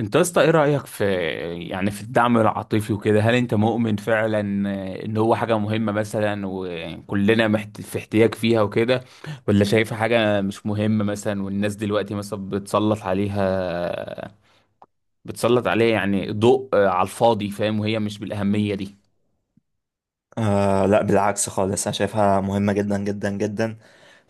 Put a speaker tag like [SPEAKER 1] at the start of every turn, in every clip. [SPEAKER 1] انت يا اسطى ايه رأيك في في الدعم العاطفي وكده، هل انت مؤمن فعلا ان هو حاجة مهمة مثلا، وكلنا في احتياج فيها وكده؟ ولا شايفها حاجة مش مهمة مثلا، والناس دلوقتي مثلا بتسلط عليها يعني ضوء على الفاضي، فاهم؟ وهي مش بالأهمية دي.
[SPEAKER 2] آه لا، بالعكس خالص، انا شايفها مهمة جدا جدا جدا.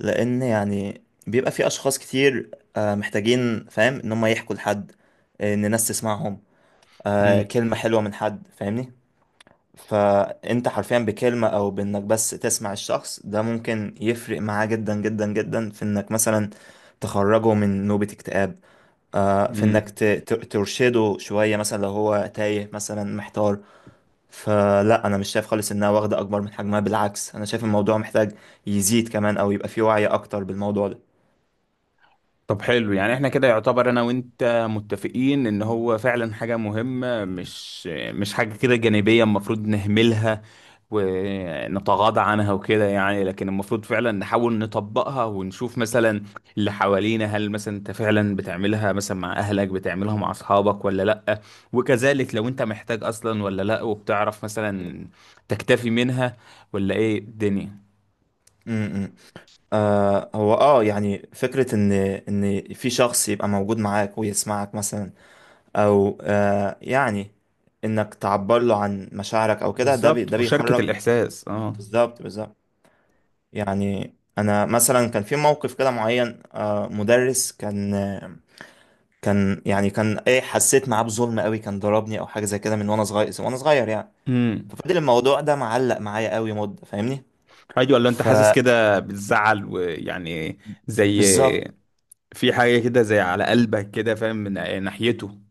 [SPEAKER 2] لان يعني بيبقى في اشخاص كتير محتاجين، فاهم ان هم يحكوا لحد، ان ناس تسمعهم،
[SPEAKER 1] مم.
[SPEAKER 2] كلمة حلوة من حد، فاهمني؟ فانت حرفيا بكلمة او بانك بس تسمع الشخص ده ممكن يفرق معاه جدا جدا جدا، في انك مثلا تخرجه من نوبة اكتئاب، في انك
[SPEAKER 1] مم.
[SPEAKER 2] ترشده شوية مثلا لو هو تايه مثلا محتار. فلا، انا مش شايف خالص انها واخده اكبر من حجمها، بالعكس انا شايف الموضوع محتاج يزيد كمان، او يبقى فيه وعي اكتر بالموضوع ده.
[SPEAKER 1] طب حلو، يعني احنا كده يعتبر انا وانت متفقين ان هو فعلا حاجة مهمة، مش حاجة كده جانبية المفروض نهملها ونتغاضى عنها وكده. يعني لكن المفروض فعلا نحاول نطبقها ونشوف مثلا اللي حوالينا، هل مثلا انت فعلا بتعملها مثلا مع اهلك، بتعملها مع اصحابك ولا لا؟ وكذلك لو انت محتاج اصلا ولا لا، وبتعرف مثلا تكتفي منها ولا ايه الدنيا؟
[SPEAKER 2] امم هو يعني فكره ان في شخص يبقى موجود معاك ويسمعك مثلا، او يعني انك تعبر له عن مشاعرك او كده، ده
[SPEAKER 1] بالظبط، مشاركة
[SPEAKER 2] بيخرج.
[SPEAKER 1] الإحساس اه.
[SPEAKER 2] بالظبط، بالظبط. يعني انا مثلا كان في موقف كده معين، مدرس كان، كان يعني كان ايه، حسيت معاه بظلم قوي. كان ضربني او حاجه زي كده من وانا صغير وانا صغير يعني.
[SPEAKER 1] امم
[SPEAKER 2] فضل الموضوع ده معلق معايا قوي مدة، فاهمني؟
[SPEAKER 1] ايوه، لو انت حاسس كده بتزعل، ويعني زي
[SPEAKER 2] فبالظبط.
[SPEAKER 1] في حاجه كده زي على قلبك كده، فاهم من ناحيته؟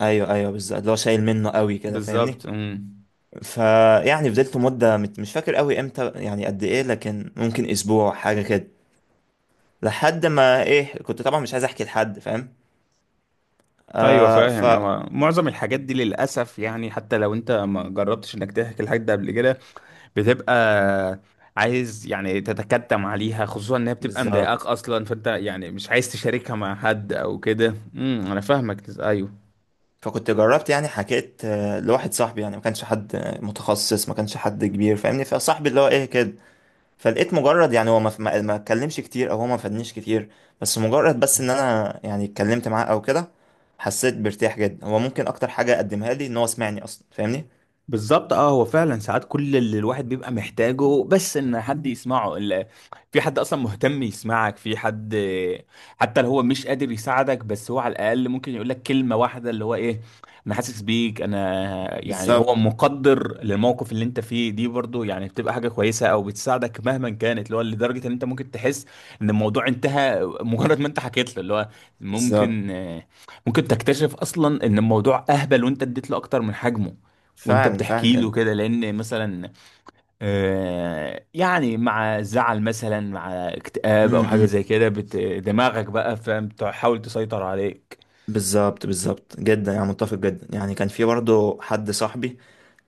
[SPEAKER 2] ايوه ايوه، بالظبط، اللي هو شايل منه قوي كده، فاهمني؟
[SPEAKER 1] بالظبط.
[SPEAKER 2] فيعني فضلت مدة، مش فاكر قوي امتى، يعني قد ايه، لكن ممكن اسبوع، حاجة كده، لحد ما ايه كنت طبعا مش عايز احكي لحد، فاهم؟
[SPEAKER 1] ايوه،
[SPEAKER 2] آه ف
[SPEAKER 1] فاهم. هو معظم الحاجات دي للاسف يعني، حتى لو انت ما جربتش انك تحكي الحاجات ده قبل كده، بتبقى عايز يعني تتكتم عليها، خصوصا انها بتبقى مضايقاك
[SPEAKER 2] بالظبط.
[SPEAKER 1] اصلا، فانت يعني مش عايز تشاركها مع حد او كده. انا فاهمك، ايوه
[SPEAKER 2] فكنت جربت، يعني حكيت، لواحد صاحبي، يعني ما كانش حد متخصص، ما كانش حد كبير، فاهمني؟ فصاحبي اللي هو ايه كده. فلقيت مجرد، يعني هو ما اتكلمش كتير، او هو ما فادنيش كتير، بس مجرد، بس ان انا يعني اتكلمت معاه او كده، حسيت بارتياح جدا. هو ممكن اكتر حاجة قدمها لي ان هو سمعني اصلا، فاهمني؟
[SPEAKER 1] بالظبط اه. هو فعلا ساعات كل اللي الواحد بيبقى محتاجه بس ان حد يسمعه، في حد اصلا مهتم يسمعك، في حد حتى لو هو مش قادر يساعدك بس هو على الاقل ممكن يقول لك كلمة واحدة اللي هو ايه، انا حاسس بيك، انا يعني هو
[SPEAKER 2] بالظبط،
[SPEAKER 1] مقدر للموقف اللي انت فيه دي، برضو يعني بتبقى حاجة كويسة او بتساعدك مهما كانت، اللي هو لدرجة ان انت ممكن تحس ان الموضوع انتهى مجرد ما انت حكيت له، اللي هو
[SPEAKER 2] بالظبط.
[SPEAKER 1] ممكن ممكن تكتشف اصلا ان الموضوع اهبل وانت اديت له اكتر من حجمه وانت
[SPEAKER 2] فعلا،
[SPEAKER 1] بتحكي له
[SPEAKER 2] فعلا.
[SPEAKER 1] كده، لان مثلا يعني مع زعل مثلا، مع اكتئاب او حاجه
[SPEAKER 2] امم،
[SPEAKER 1] زي كده، دماغك بقى فاهم تحاول تسيطر عليك.
[SPEAKER 2] بالظبط، بالظبط جدا، يعني متفق جدا. يعني كان في برضه حد صاحبي،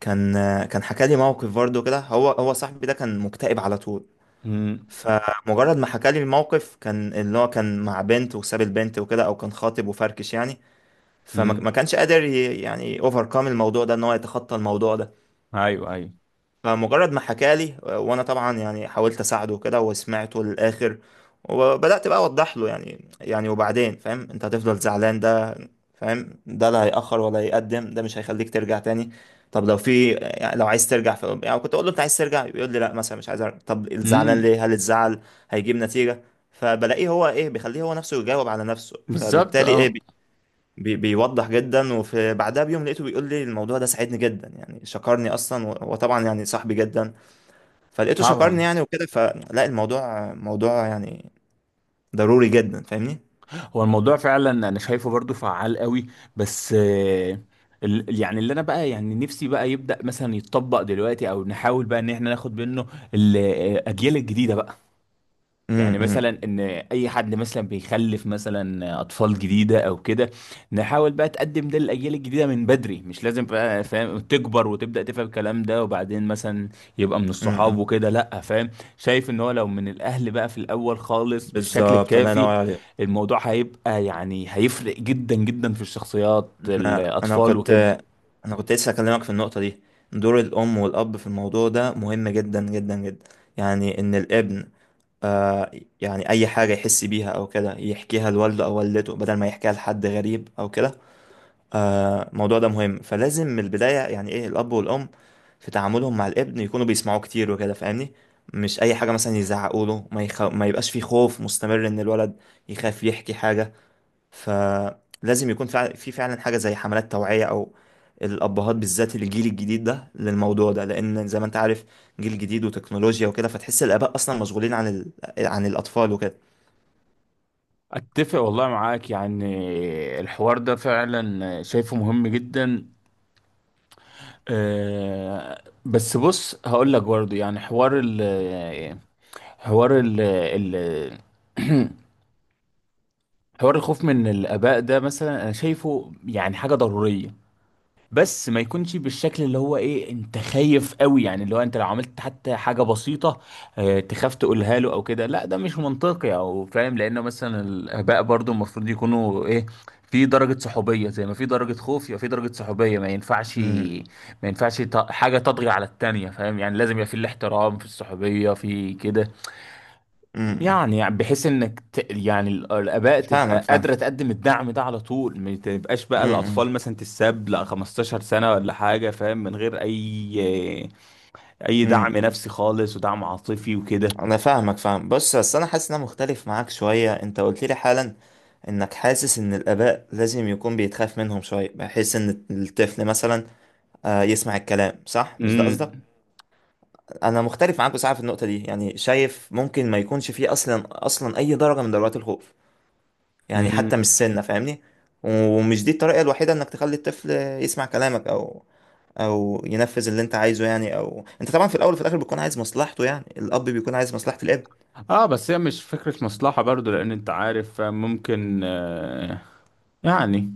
[SPEAKER 2] كان كان حكى لي موقف برضه كده. هو صاحبي ده كان مكتئب على طول.
[SPEAKER 1] امم
[SPEAKER 2] فمجرد ما حكى لي الموقف، كان اللي هو كان مع بنت وساب البنت وكده، او كان خاطب وفركش يعني. فما
[SPEAKER 1] امم
[SPEAKER 2] ما كانش قادر يعني اوفركم الموضوع ده، ان هو يتخطى الموضوع ده.
[SPEAKER 1] ايوه ايوه،
[SPEAKER 2] فمجرد ما حكى لي، وانا طبعا يعني حاولت اساعده كده وسمعته للاخر، وبدات بقى اوضح له، يعني وبعدين فاهم انت هتفضل زعلان ده، فاهم، ده لا هيأخر ولا هيقدم، ده مش هيخليك ترجع تاني. طب لو في، يعني لو عايز ترجع يعني كنت اقول له انت عايز ترجع، يقول لي لا مثلا، مش عايز ارجع. طب الزعلان
[SPEAKER 1] امم
[SPEAKER 2] ليه؟ هل الزعل هيجيب نتيجة؟ فبلاقيه هو ايه، بيخليه هو نفسه يجاوب على نفسه،
[SPEAKER 1] بالظبط
[SPEAKER 2] فبالتالي ايه،
[SPEAKER 1] اه،
[SPEAKER 2] بيوضح جدا. وفي بعدها بيوم لقيته بيقول لي الموضوع ده ساعدني جدا، يعني شكرني اصلا، وطبعا يعني صاحبي جدا، فلقيته شكرني
[SPEAKER 1] طبعا.
[SPEAKER 2] يعني وكده. فلا، الموضوع موضوع يعني ضروري جدا، فاهمني؟
[SPEAKER 1] هو الموضوع فعلا انا شايفه برضو فعال قوي، بس يعني اللي انا بقى يعني نفسي بقى يبدأ مثلا يتطبق دلوقتي، او نحاول بقى ان احنا ناخد منه الاجيال الجديده بقى. يعني
[SPEAKER 2] امم.
[SPEAKER 1] مثلا ان اي حد مثلا بيخلف مثلا اطفال جديده او كده، نحاول بقى تقدم ده للاجيال الجديده من بدري، مش لازم بقى فاهم تكبر وتبدا تفهم الكلام ده، وبعدين مثلا يبقى من الصحاب
[SPEAKER 2] امم.
[SPEAKER 1] وكده، لا فاهم؟ شايف ان هو لو من الاهل بقى في الاول خالص بالشكل
[SPEAKER 2] بالظبط، الله
[SPEAKER 1] الكافي،
[SPEAKER 2] ينور عليك.
[SPEAKER 1] الموضوع هيبقى يعني هيفرق جدا جدا في الشخصيات
[SPEAKER 2] انا انا
[SPEAKER 1] الاطفال
[SPEAKER 2] كنت
[SPEAKER 1] وكده.
[SPEAKER 2] انا كنت لسه اكلمك في النقطه دي. دور الام والاب في الموضوع ده مهم جدا جدا جدا. يعني ان الابن، آه يعني اي حاجه يحس بيها او كده يحكيها لوالده او والدته، بدل ما يحكيها لحد غريب او كده. الموضوع ده مهم، فلازم من البداية يعني ايه الأب والأم في تعاملهم مع الابن يكونوا بيسمعوه كتير وكده، فاهمني؟ مش أي حاجة مثلا يزعقوا له، ما يبقاش في خوف مستمر إن الولد يخاف يحكي حاجة. فلازم يكون في فعلا حاجة زي حملات توعية، أو الأبهات بالذات الجيل الجديد ده للموضوع ده، لأن زي ما أنت عارف، جيل جديد وتكنولوجيا وكده، فتحس الآباء أصلا مشغولين عن عن الأطفال وكده.
[SPEAKER 1] اتفق والله معاك، يعني الحوار ده فعلا شايفه مهم جدا. أه بس بص هقول لك برضه، يعني حوار ال حوار الخوف من الآباء ده مثلا أنا شايفه يعني حاجة ضرورية، بس ما يكونش بالشكل اللي هو ايه انت خايف قوي، يعني اللي هو انت لو عملت حتى حاجة بسيطة اه تخاف تقولها له او كده، لا ده مش منطقي او فاهم؟ لانه مثلا الاباء برضو المفروض يكونوا ايه، في درجة صحوبية زي ما في درجة خوف، يبقى في درجة صحوبية، ما ينفعش ما
[SPEAKER 2] امم.
[SPEAKER 1] ينفعش حاجة تطغي على التانية، فاهم؟ يعني لازم يبقى في الاحترام، في الصحوبية، في كده.
[SPEAKER 2] أمم.
[SPEAKER 1] يعني يعني بحيث انك يعني الاباء
[SPEAKER 2] فاهمك،
[SPEAKER 1] تبقى
[SPEAKER 2] فاهم.
[SPEAKER 1] قادره تقدم الدعم ده على طول، ما تبقاش بقى
[SPEAKER 2] امم.
[SPEAKER 1] الاطفال مثلا تتساب لا 15 سنه ولا حاجه فاهم، من غير اي
[SPEAKER 2] أمم.
[SPEAKER 1] دعم نفسي خالص ودعم عاطفي وكده.
[SPEAKER 2] انا فاهمك، فاهم. بص، بس انا حاسس ان انا مختلف معاك شويه. انت قلت لي حالا انك حاسس ان الاباء لازم يكون بيتخاف منهم شويه بحيث ان الطفل مثلا، يسمع الكلام صح، مش ده قصدك؟
[SPEAKER 1] امم
[SPEAKER 2] انا مختلف معاك بصراحه في النقطه دي، يعني شايف ممكن ما يكونش فيه اصلا اصلا اي درجه من درجات الخوف، يعني
[SPEAKER 1] امم
[SPEAKER 2] حتى مش سنه، فاهمني؟ ومش دي الطريقه الوحيده انك تخلي الطفل يسمع كلامك او او ينفذ اللي انت عايزه. يعني او انت طبعا في الاول وفي الاخر بتكون عايز مصلحته، يعني الاب بيكون عايز مصلحه الاب.
[SPEAKER 1] اه بس هي مش فكره مصلحه برضو، لان انت عارف ممكن يعني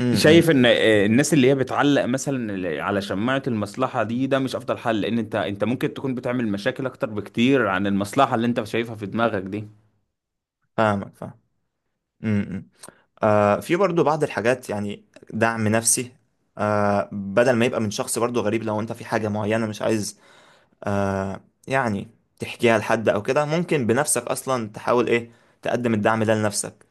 [SPEAKER 2] امم.
[SPEAKER 1] شايف
[SPEAKER 2] إمم.
[SPEAKER 1] ان الناس اللي هي بتعلق مثلا على شماعة المصلحة دي، ده مش افضل حل، لان انت ممكن تكون بتعمل مشاكل اكتر بكتير عن المصلحة اللي انت شايفها في دماغك دي.
[SPEAKER 2] فاهمك، فاهم. امم. إمم. في برضو بعض الحاجات، يعني دعم نفسي، بدل ما يبقى من شخص برضو غريب، لو انت في حاجة معينة مش عايز آه يعني تحكيها لحد او كده، ممكن بنفسك اصلا تحاول ايه تقدم الدعم ده لنفسك.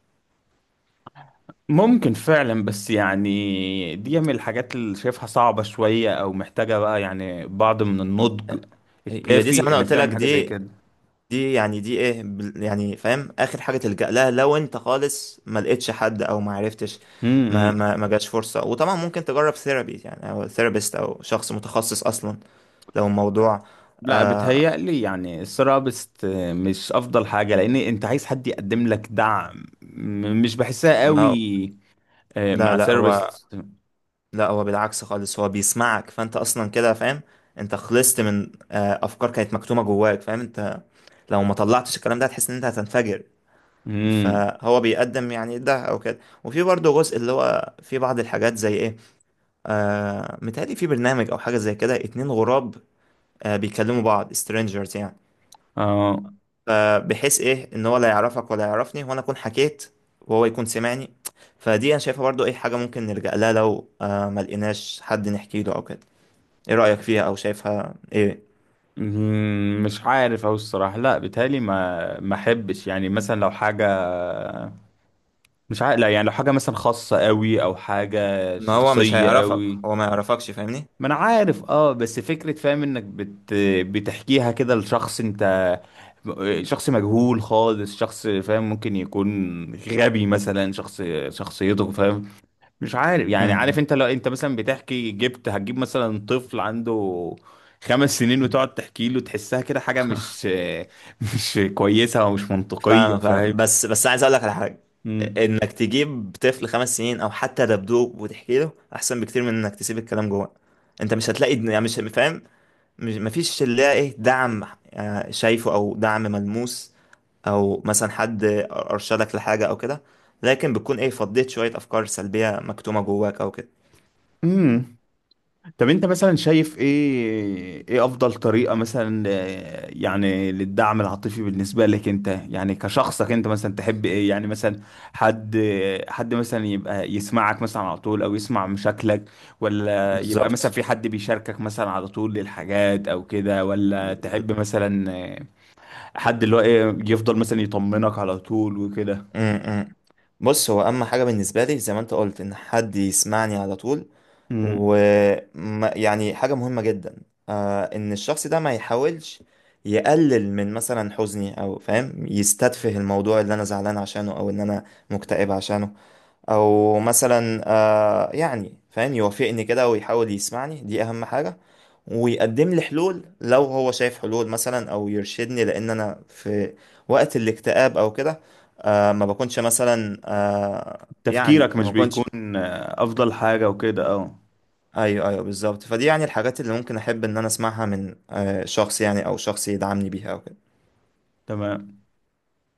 [SPEAKER 1] ممكن فعلا، بس يعني دي من الحاجات اللي شايفها صعبة شوية، او محتاجة بقى يعني بعض من النضج
[SPEAKER 2] هي دي زي ما
[SPEAKER 1] الكافي
[SPEAKER 2] انا
[SPEAKER 1] انك
[SPEAKER 2] قلت لك،
[SPEAKER 1] تعمل حاجة زي
[SPEAKER 2] دي
[SPEAKER 1] كده.
[SPEAKER 2] دي يعني دي ايه يعني فاهم، اخر حاجة تلجأ لها لو انت خالص ما لقيتش حد، او ما عرفتش، ما
[SPEAKER 1] امم
[SPEAKER 2] ما ما جاش فرصة. وطبعا ممكن تجرب ثيرابي يعني، او ثيرابيست او شخص متخصص اصلا، لو الموضوع.
[SPEAKER 1] لا بتهيألي يعني الثيرابيست مش افضل حاجة، لان انت عايز حد يقدم لك دعم، مش بحسها قوي
[SPEAKER 2] لا،
[SPEAKER 1] مع
[SPEAKER 2] لا، هو،
[SPEAKER 1] ثيرابيست.
[SPEAKER 2] لا هو بالعكس خالص، هو بيسمعك، فانت اصلا كده فاهم انت خلصت من افكار كانت مكتومه جواك. فاهم انت لو ما طلعتش الكلام ده هتحس ان انت هتنفجر.
[SPEAKER 1] امم
[SPEAKER 2] فهو بيقدم يعني ده او كده. وفي برضه جزء اللي هو في بعض الحاجات زي ايه، متهيألي في برنامج او حاجه زي كده اتنين غراب، بيكلموا بعض strangers يعني.
[SPEAKER 1] اه
[SPEAKER 2] فبحيث ايه ان هو لا يعرفك ولا يعرفني، وانا اكون حكيت وهو يكون سمعني. فدي انا شايفها برضو ايه، حاجه ممكن نلجأ لها لو ما لقيناش حد نحكي له او كده. ايه رأيك فيها، او شايفها ايه؟
[SPEAKER 1] مش عارف، او الصراحه لا بيتهيألي ما احبش يعني، مثلا لو حاجه مش عارف، لا يعني لو حاجه مثلا خاصه قوي او حاجه
[SPEAKER 2] ما هو مش
[SPEAKER 1] شخصيه
[SPEAKER 2] هيعرفك، هو
[SPEAKER 1] قوي.
[SPEAKER 2] ما يعرفكش، فاهمني؟
[SPEAKER 1] ما انا عارف، اه بس فكره فاهم انك بتحكيها كده لشخص انت، شخص مجهول خالص، شخص فاهم ممكن يكون غبي مثلا، شخص شخصيته فاهم، مش عارف. يعني عارف
[SPEAKER 2] امم.
[SPEAKER 1] انت لو انت مثلا بتحكي هتجيب مثلا طفل عنده 5 سنين وتقعد تحكي له، تحسها كده حاجة مش مش كويسة ومش منطقية،
[SPEAKER 2] فاهم، فاهم.
[SPEAKER 1] فاهم؟
[SPEAKER 2] بس عايز اقول لك على حاجة. انك تجيب طفل 5 سنين او حتى دبدوب وتحكي له احسن بكتير من انك تسيب الكلام جوه. انت مش هتلاقي، يعني مش فاهم، مش، مفيش اللي هي ايه دعم، شايفه، او دعم ملموس، او مثلا حد ارشدك لحاجة او كده، لكن بتكون ايه، فضيت شوية افكار سلبية مكتومة جواك او كده.
[SPEAKER 1] امم طب انت مثلا شايف ايه، ايه افضل طريقة مثلا يعني للدعم العاطفي بالنسبة لك انت، يعني كشخصك انت مثلا تحب ايه؟ يعني مثلا حد حد مثلا يبقى يسمعك مثلا على طول، او يسمع مشاكلك؟ ولا يبقى مثلا
[SPEAKER 2] بالظبط،
[SPEAKER 1] في حد بيشاركك مثلا على طول للحاجات او كده؟ ولا تحب مثلا آه، حد اللي هو ايه يفضل مثلا يطمنك على طول وكده؟
[SPEAKER 2] امم. بص، هو اهم حاجه بالنسبه لي، زي ما انت قلت، ان حد يسمعني على طول،
[SPEAKER 1] مم.
[SPEAKER 2] ويعني حاجه مهمه جدا ان الشخص ده ما يحاولش يقلل من مثلا حزني، او فاهم يستتفه الموضوع اللي انا زعلان عشانه، او ان انا مكتئب عشانه. او مثلا يعني فاهم يوافقني كده ويحاول يسمعني، دي اهم حاجة. ويقدم لي حلول لو هو شايف حلول مثلا، او يرشدني، لان انا في وقت الاكتئاب او كده ما بكونش مثلا يعني
[SPEAKER 1] تفكيرك مش
[SPEAKER 2] ما بكونش.
[SPEAKER 1] بيكون افضل حاجة وكده، اه.
[SPEAKER 2] ايوه، ايوه، بالظبط. فدي يعني الحاجات اللي ممكن احب ان انا اسمعها من شخص، يعني او شخص يدعمني بيها او كده.
[SPEAKER 1] تمام.